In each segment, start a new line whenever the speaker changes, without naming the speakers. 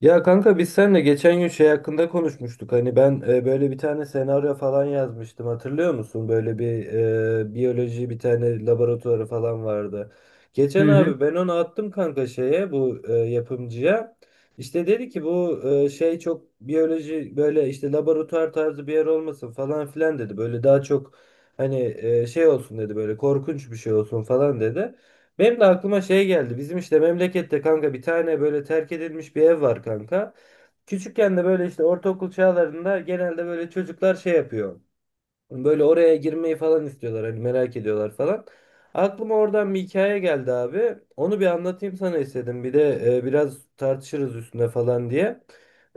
Ya kanka biz seninle geçen gün şey hakkında konuşmuştuk. Hani ben böyle bir tane senaryo falan yazmıştım. Hatırlıyor musun? Böyle bir biyoloji bir tane laboratuvarı falan vardı.
Hı
Geçen
hı,
abi ben onu attım kanka şeye bu yapımcıya. İşte dedi ki bu şey çok biyoloji böyle işte laboratuvar tarzı bir yer olmasın falan filan dedi. Böyle daha çok hani şey olsun dedi böyle korkunç bir şey olsun falan dedi. Benim de aklıma şey geldi. Bizim işte memlekette kanka bir tane böyle terk edilmiş bir ev var kanka. Küçükken de böyle işte ortaokul çağlarında genelde böyle çocuklar şey yapıyor. Böyle oraya girmeyi falan istiyorlar hani merak ediyorlar falan. Aklıma oradan bir hikaye geldi abi. Onu bir anlatayım sana istedim. Bir de biraz tartışırız üstüne falan diye.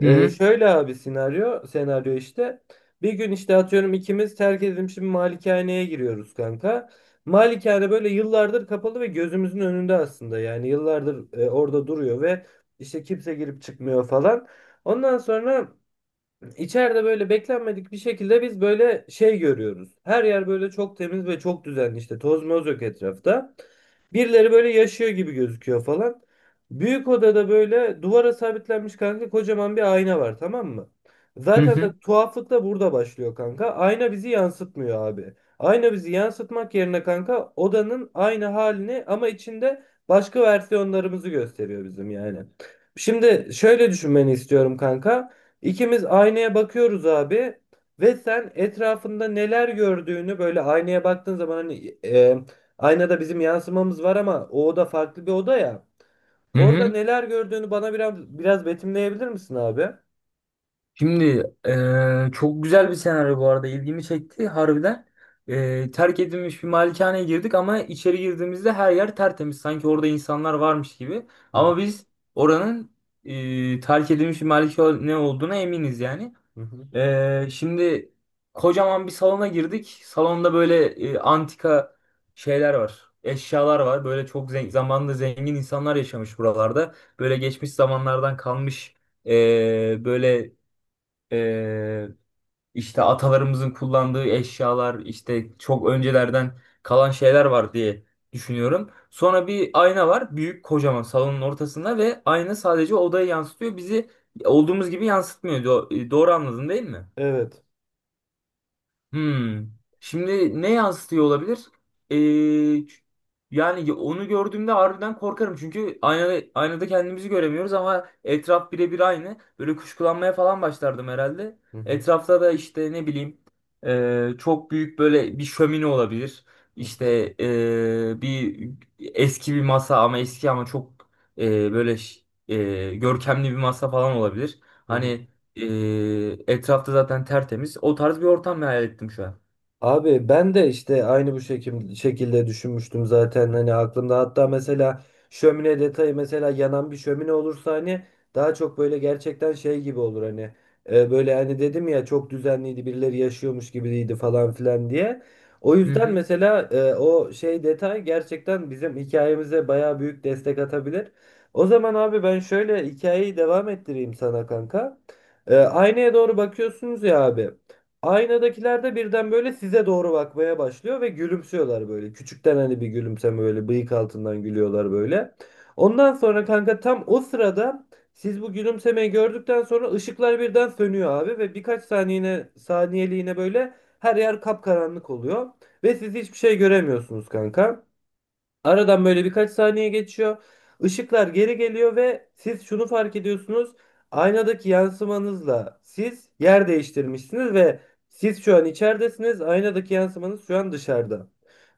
hı hı,
şöyle abi senaryo işte. Bir gün işte atıyorum ikimiz terk edilmiş bir malikaneye giriyoruz kanka. Malikane böyle yıllardır kapalı ve gözümüzün önünde aslında. Yani yıllardır orada duruyor ve işte kimse girip çıkmıyor falan. Ondan sonra İçeride böyle beklenmedik bir şekilde biz böyle şey görüyoruz. Her yer böyle çok temiz ve çok düzenli işte toz moz yok etrafta. Birileri böyle yaşıyor gibi gözüküyor falan. Büyük odada böyle duvara sabitlenmiş kanka kocaman bir ayna var, tamam mı?
hı
Zaten de
hı.
tuhaflık da burada başlıyor kanka. Ayna bizi yansıtmıyor abi. Ayna bizi yansıtmak yerine kanka odanın aynı halini ama içinde başka versiyonlarımızı gösteriyor bizim yani. Şimdi şöyle düşünmeni istiyorum kanka. İkimiz aynaya bakıyoruz abi ve sen etrafında neler gördüğünü böyle aynaya baktığın zaman hani aynada bizim yansımamız var ama o oda farklı bir oda ya.
Hı
Orada
hı.
neler gördüğünü bana biraz biraz betimleyebilir misin abi?
Şimdi çok güzel bir senaryo, bu arada ilgimi çekti harbiden. Terk edilmiş bir malikaneye girdik ama içeri girdiğimizde her yer tertemiz. Sanki orada insanlar varmış gibi.
Hı
Ama
hı,
biz oranın terk edilmiş bir malikane olduğuna eminiz yani.
hı hı.
Şimdi kocaman bir salona girdik. Salonda böyle antika şeyler var. Eşyalar var. Böyle çok zamanında zengin insanlar yaşamış buralarda. Böyle geçmiş zamanlardan kalmış e, böyle e, işte atalarımızın kullandığı eşyalar, işte çok öncelerden kalan şeyler var diye düşünüyorum. Sonra bir ayna var. Büyük kocaman salonun ortasında, ve ayna sadece odayı yansıtıyor. Bizi olduğumuz gibi yansıtmıyor. Doğru anladın değil mi?
Evet.
Hmm. Şimdi ne yansıtıyor olabilir? Ee, ç- Yani onu gördüğümde harbiden korkarım. Çünkü aynada kendimizi göremiyoruz ama etraf birebir aynı. Böyle kuşkulanmaya falan başlardım herhalde.
Hı hı,
Etrafta da işte ne bileyim çok büyük böyle bir şömine olabilir.
hı hı,
İşte bir eski bir masa, ama eski ama çok ee, böyle ş- görkemli bir masa falan olabilir.
hı hı.
Hani etrafta zaten tertemiz. O tarz bir ortam hayal ettim şu an.
Abi ben de işte aynı bu şekilde düşünmüştüm zaten, hani aklımda hatta mesela şömine detayı mesela yanan bir şömine olursa hani daha çok böyle gerçekten şey gibi olur hani. Böyle hani dedim ya çok düzenliydi birileri yaşıyormuş gibiydi falan filan diye. O
Hı
yüzden
hı.
mesela o şey detay gerçekten bizim hikayemize bayağı büyük destek atabilir. O zaman abi ben şöyle hikayeyi devam ettireyim sana kanka. Aynaya doğru bakıyorsunuz ya abi. Aynadakiler de birden böyle size doğru bakmaya başlıyor ve gülümsüyorlar böyle. Küçükten hani bir gülümseme böyle bıyık altından gülüyorlar böyle. Ondan sonra kanka tam o sırada siz bu gülümsemeyi gördükten sonra ışıklar birden sönüyor abi ve birkaç saniyeliğine böyle her yer kapkaranlık oluyor ve siz hiçbir şey göremiyorsunuz kanka. Aradan böyle birkaç saniye geçiyor. Işıklar geri geliyor ve siz şunu fark ediyorsunuz. Aynadaki yansımanızla siz yer değiştirmişsiniz ve siz şu an içeridesiniz. Aynadaki yansımanız şu an dışarıda.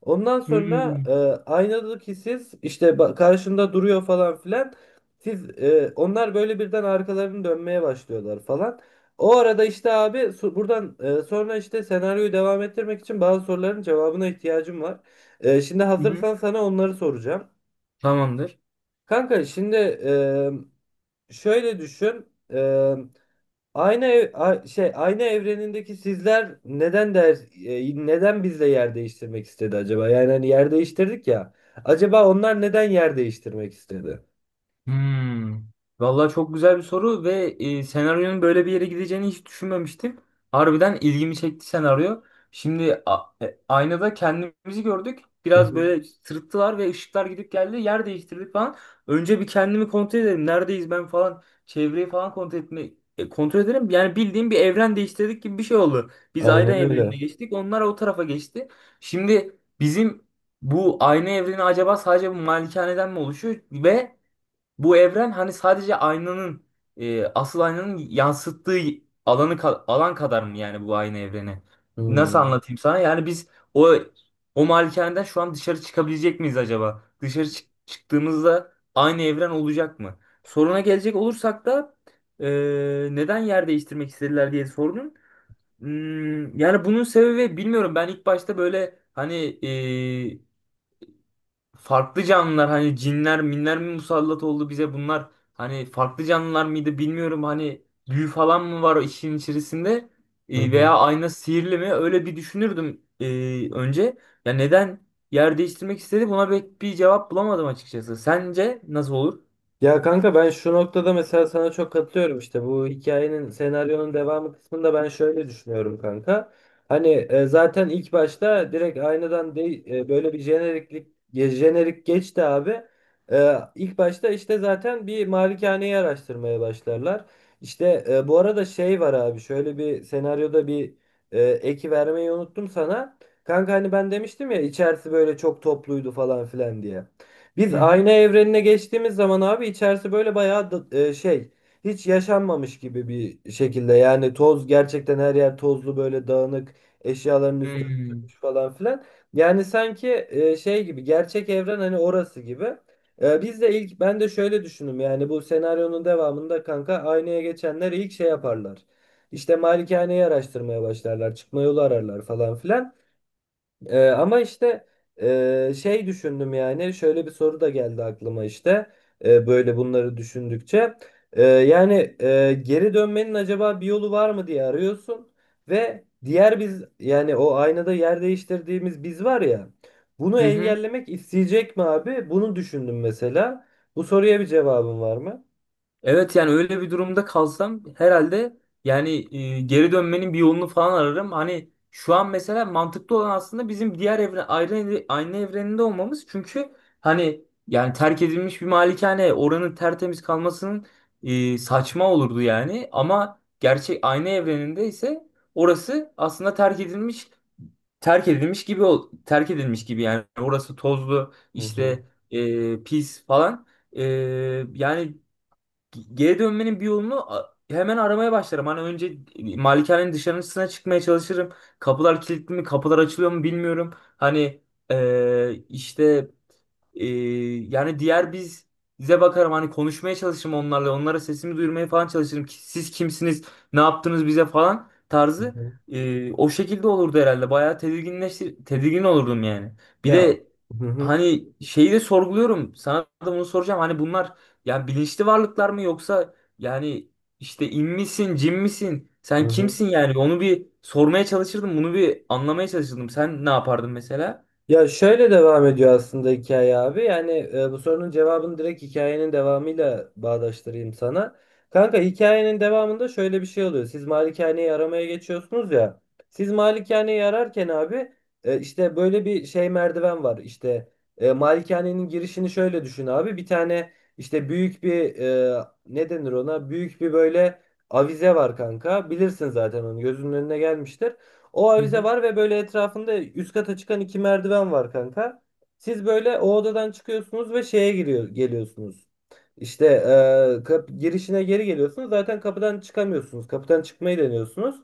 Ondan sonra
Hmm.
aynadaki siz işte karşında duruyor falan filan. Onlar böyle birden arkalarını dönmeye başlıyorlar falan. O arada işte abi buradan sonra işte senaryoyu devam ettirmek için bazı soruların cevabına ihtiyacım var. Şimdi
Hı hı.
hazırsan sana onları soracağım.
Tamamdır.
Kanka şimdi şöyle düşün. E, aynı ev- a- şey aynı evrenindeki sizler neden bizle yer değiştirmek istedi acaba? Yani hani yer değiştirdik ya. Acaba onlar neden yer değiştirmek istedi?
Hmm. Vallahi çok güzel bir soru, ve senaryonun böyle bir yere gideceğini hiç düşünmemiştim. Harbiden ilgimi çekti senaryo. Şimdi aynada kendimizi gördük.
Hı
Biraz
hı.
böyle sırıttılar ve ışıklar gidip geldi. Yer değiştirdik falan. Önce bir kendimi kontrol edelim. Neredeyiz ben falan. Çevreyi falan kontrol edelim. Yani bildiğim bir evren değiştirdik gibi bir şey oldu. Biz ayrı
Aynen
evrenine
öyle.
geçtik. Onlar o tarafa geçti. Şimdi bizim bu aynı evreni acaba sadece bu malikaneden mi oluşuyor, ve bu evren hani sadece aynanın asıl aynanın yansıttığı alan kadar mı, yani bu aynı evreni?
Hı
Nasıl anlatayım sana? Yani biz o o malikaneden şu an dışarı çıkabilecek miyiz acaba? Çıktığımızda aynı evren olacak mı? Soruna gelecek olursak da e, neden yer değiştirmek istediler diye sorunun. Hmm, yani bunun sebebi bilmiyorum. Ben ilk başta böyle hani e, farklı canlılar, hani cinler minler mi musallat oldu bize, bunlar hani farklı canlılar mıydı bilmiyorum, hani büyü falan mı var o işin içerisinde.
hı.
Veya ayna sihirli mi, öyle bir düşünürdüm önce. Ya neden yer değiştirmek istedi, buna pek bir cevap bulamadım açıkçası. Sence nasıl olur?
Ya kanka ben şu noktada mesela sana çok katılıyorum, işte bu hikayenin senaryonun devamı kısmında ben şöyle düşünüyorum kanka. Hani zaten ilk başta direkt aynadan değil böyle bir jenerik geçti abi. E, ilk başta işte zaten bir malikaneyi araştırmaya başlarlar. İşte bu arada şey var abi, şöyle bir senaryoda bir eki vermeyi unuttum sana. Kanka hani ben demiştim ya içerisi böyle çok topluydu falan filan diye. Biz
Hı hı.
ayna evrenine geçtiğimiz zaman abi içerisi böyle bayağı şey, hiç yaşanmamış gibi bir şekilde, yani toz gerçekten, her yer tozlu, böyle dağınık, eşyaların üstü
Hmm.
örtülmüş falan filan. Yani sanki şey gibi, gerçek evren hani, orası gibi. Biz de ilk, ben de şöyle düşündüm yani bu senaryonun devamında kanka aynaya geçenler ilk şey yaparlar. İşte malikaneyi araştırmaya başlarlar, çıkma yolu ararlar falan filan. Ama işte şey düşündüm, yani şöyle bir soru da geldi aklıma işte böyle bunları düşündükçe. Yani geri dönmenin acaba bir yolu var mı diye arıyorsun ve diğer biz, yani o aynada yer değiştirdiğimiz biz var ya, bunu
Hı hı.
engellemek isteyecek mi abi? Bunu düşündüm mesela. Bu soruya bir cevabın var mı?
Evet, yani öyle bir durumda kalsam herhalde yani geri dönmenin bir yolunu falan ararım. Hani şu an mesela mantıklı olan aslında bizim diğer aynı evreninde olmamız. Çünkü hani yani terk edilmiş bir malikane oranın tertemiz kalmasının saçma olurdu yani. Ama gerçek aynı evreninde ise orası aslında terk edilmiş gibi, yani orası tozlu
Hı hı.
işte, pis falan. E, Yani geri dönmenin bir yolunu a- hemen aramaya başlarım. Hani önce malikanenin dışarısına çıkmaya çalışırım. Kapılar kilitli mi, kapılar açılıyor mu bilmiyorum. Hani eee, işte eee, yani diğer biz, bize bakarım, hani konuşmaya çalışırım onlarla. Onlara sesimi duyurmaya falan çalışırım. Ki siz kimsiniz, ne yaptınız bize falan
Hı
tarzı.
hı.
O şekilde olurdu herhalde. Bayağı tedirgin olurdum yani. Bir
Ya
de
hı hı,
hani şeyi de sorguluyorum. Sana da bunu soracağım. Hani bunlar yani bilinçli varlıklar mı, yoksa yani işte in misin, cin misin?
hı
Sen
hı.
kimsin yani? Onu bir sormaya çalışırdım. Bunu bir anlamaya çalışırdım. Sen ne yapardın mesela?
Ya şöyle devam ediyor aslında hikaye abi. Yani bu sorunun cevabını direkt hikayenin devamıyla bağdaştırayım sana. Kanka hikayenin devamında şöyle bir şey oluyor. Siz malikaneyi aramaya geçiyorsunuz ya. Siz malikaneyi ararken abi işte böyle bir şey merdiven var. İşte malikanenin girişini şöyle düşün abi. Bir tane işte büyük bir ne denir ona? Büyük bir böyle avize var kanka. Bilirsin zaten, onu gözünün önüne gelmiştir. O
Hı
avize
hı.
var ve böyle etrafında üst kata çıkan iki merdiven var kanka. Siz böyle o odadan çıkıyorsunuz ve şeye geliyorsunuz. İşte girişine geri geliyorsunuz. Zaten kapıdan çıkamıyorsunuz. Kapıdan çıkmayı deniyorsunuz.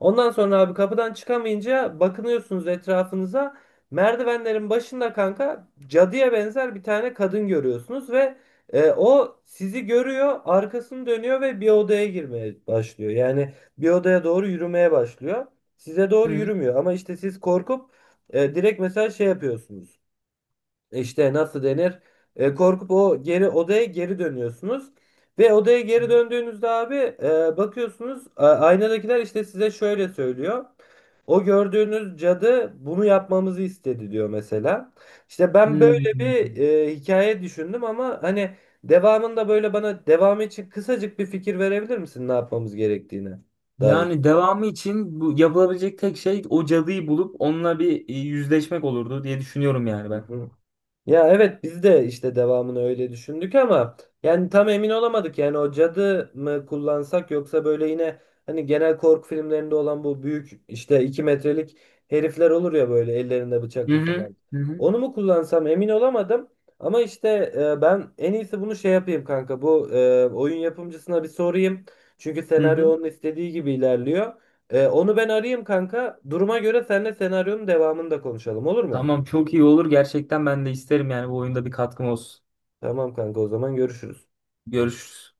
Ondan sonra abi kapıdan çıkamayınca bakınıyorsunuz etrafınıza. Merdivenlerin başında kanka cadıya benzer bir tane kadın görüyorsunuz ve o sizi görüyor, arkasını dönüyor ve bir odaya girmeye başlıyor. Yani bir odaya doğru yürümeye başlıyor, size doğru
Hı.
yürümüyor. Ama işte siz korkup direkt mesela şey yapıyorsunuz. İşte nasıl denir? Korkup o geri odaya geri dönüyorsunuz. Ve odaya geri döndüğünüzde abi bakıyorsunuz aynadakiler işte size şöyle söylüyor. O gördüğünüz cadı bunu yapmamızı istedi diyor mesela. İşte ben
Hı.
böyle bir hikaye düşündüm ama hani devamında, böyle bana devamı için kısacık bir fikir verebilir misin ne yapmamız gerektiğine dair?
Yani devamı için bu yapılabilecek tek şey o cadıyı bulup onunla bir yüzleşmek olurdu diye düşünüyorum yani
Hı
ben.
hı. Ya evet, biz de işte devamını öyle düşündük ama yani tam emin olamadık. Yani o cadı mı kullansak, yoksa böyle yine hani genel korku filmlerinde olan bu büyük işte 2 metrelik herifler olur ya böyle ellerinde
Hı
bıçaklı
hı.
falan.
Hı hı.
Onu mu kullansam emin olamadım. Ama işte ben en iyisi bunu şey yapayım kanka. Bu oyun yapımcısına bir sorayım. Çünkü
Hı
senaryo
hı.
onun istediği gibi ilerliyor. Onu ben arayayım kanka. Duruma göre seninle senaryonun devamını da konuşalım, olur mu?
Tamam, çok iyi olur. Gerçekten ben de isterim yani bu oyunda bir katkım olsun.
Tamam kanka, o zaman görüşürüz.
Görüşürüz.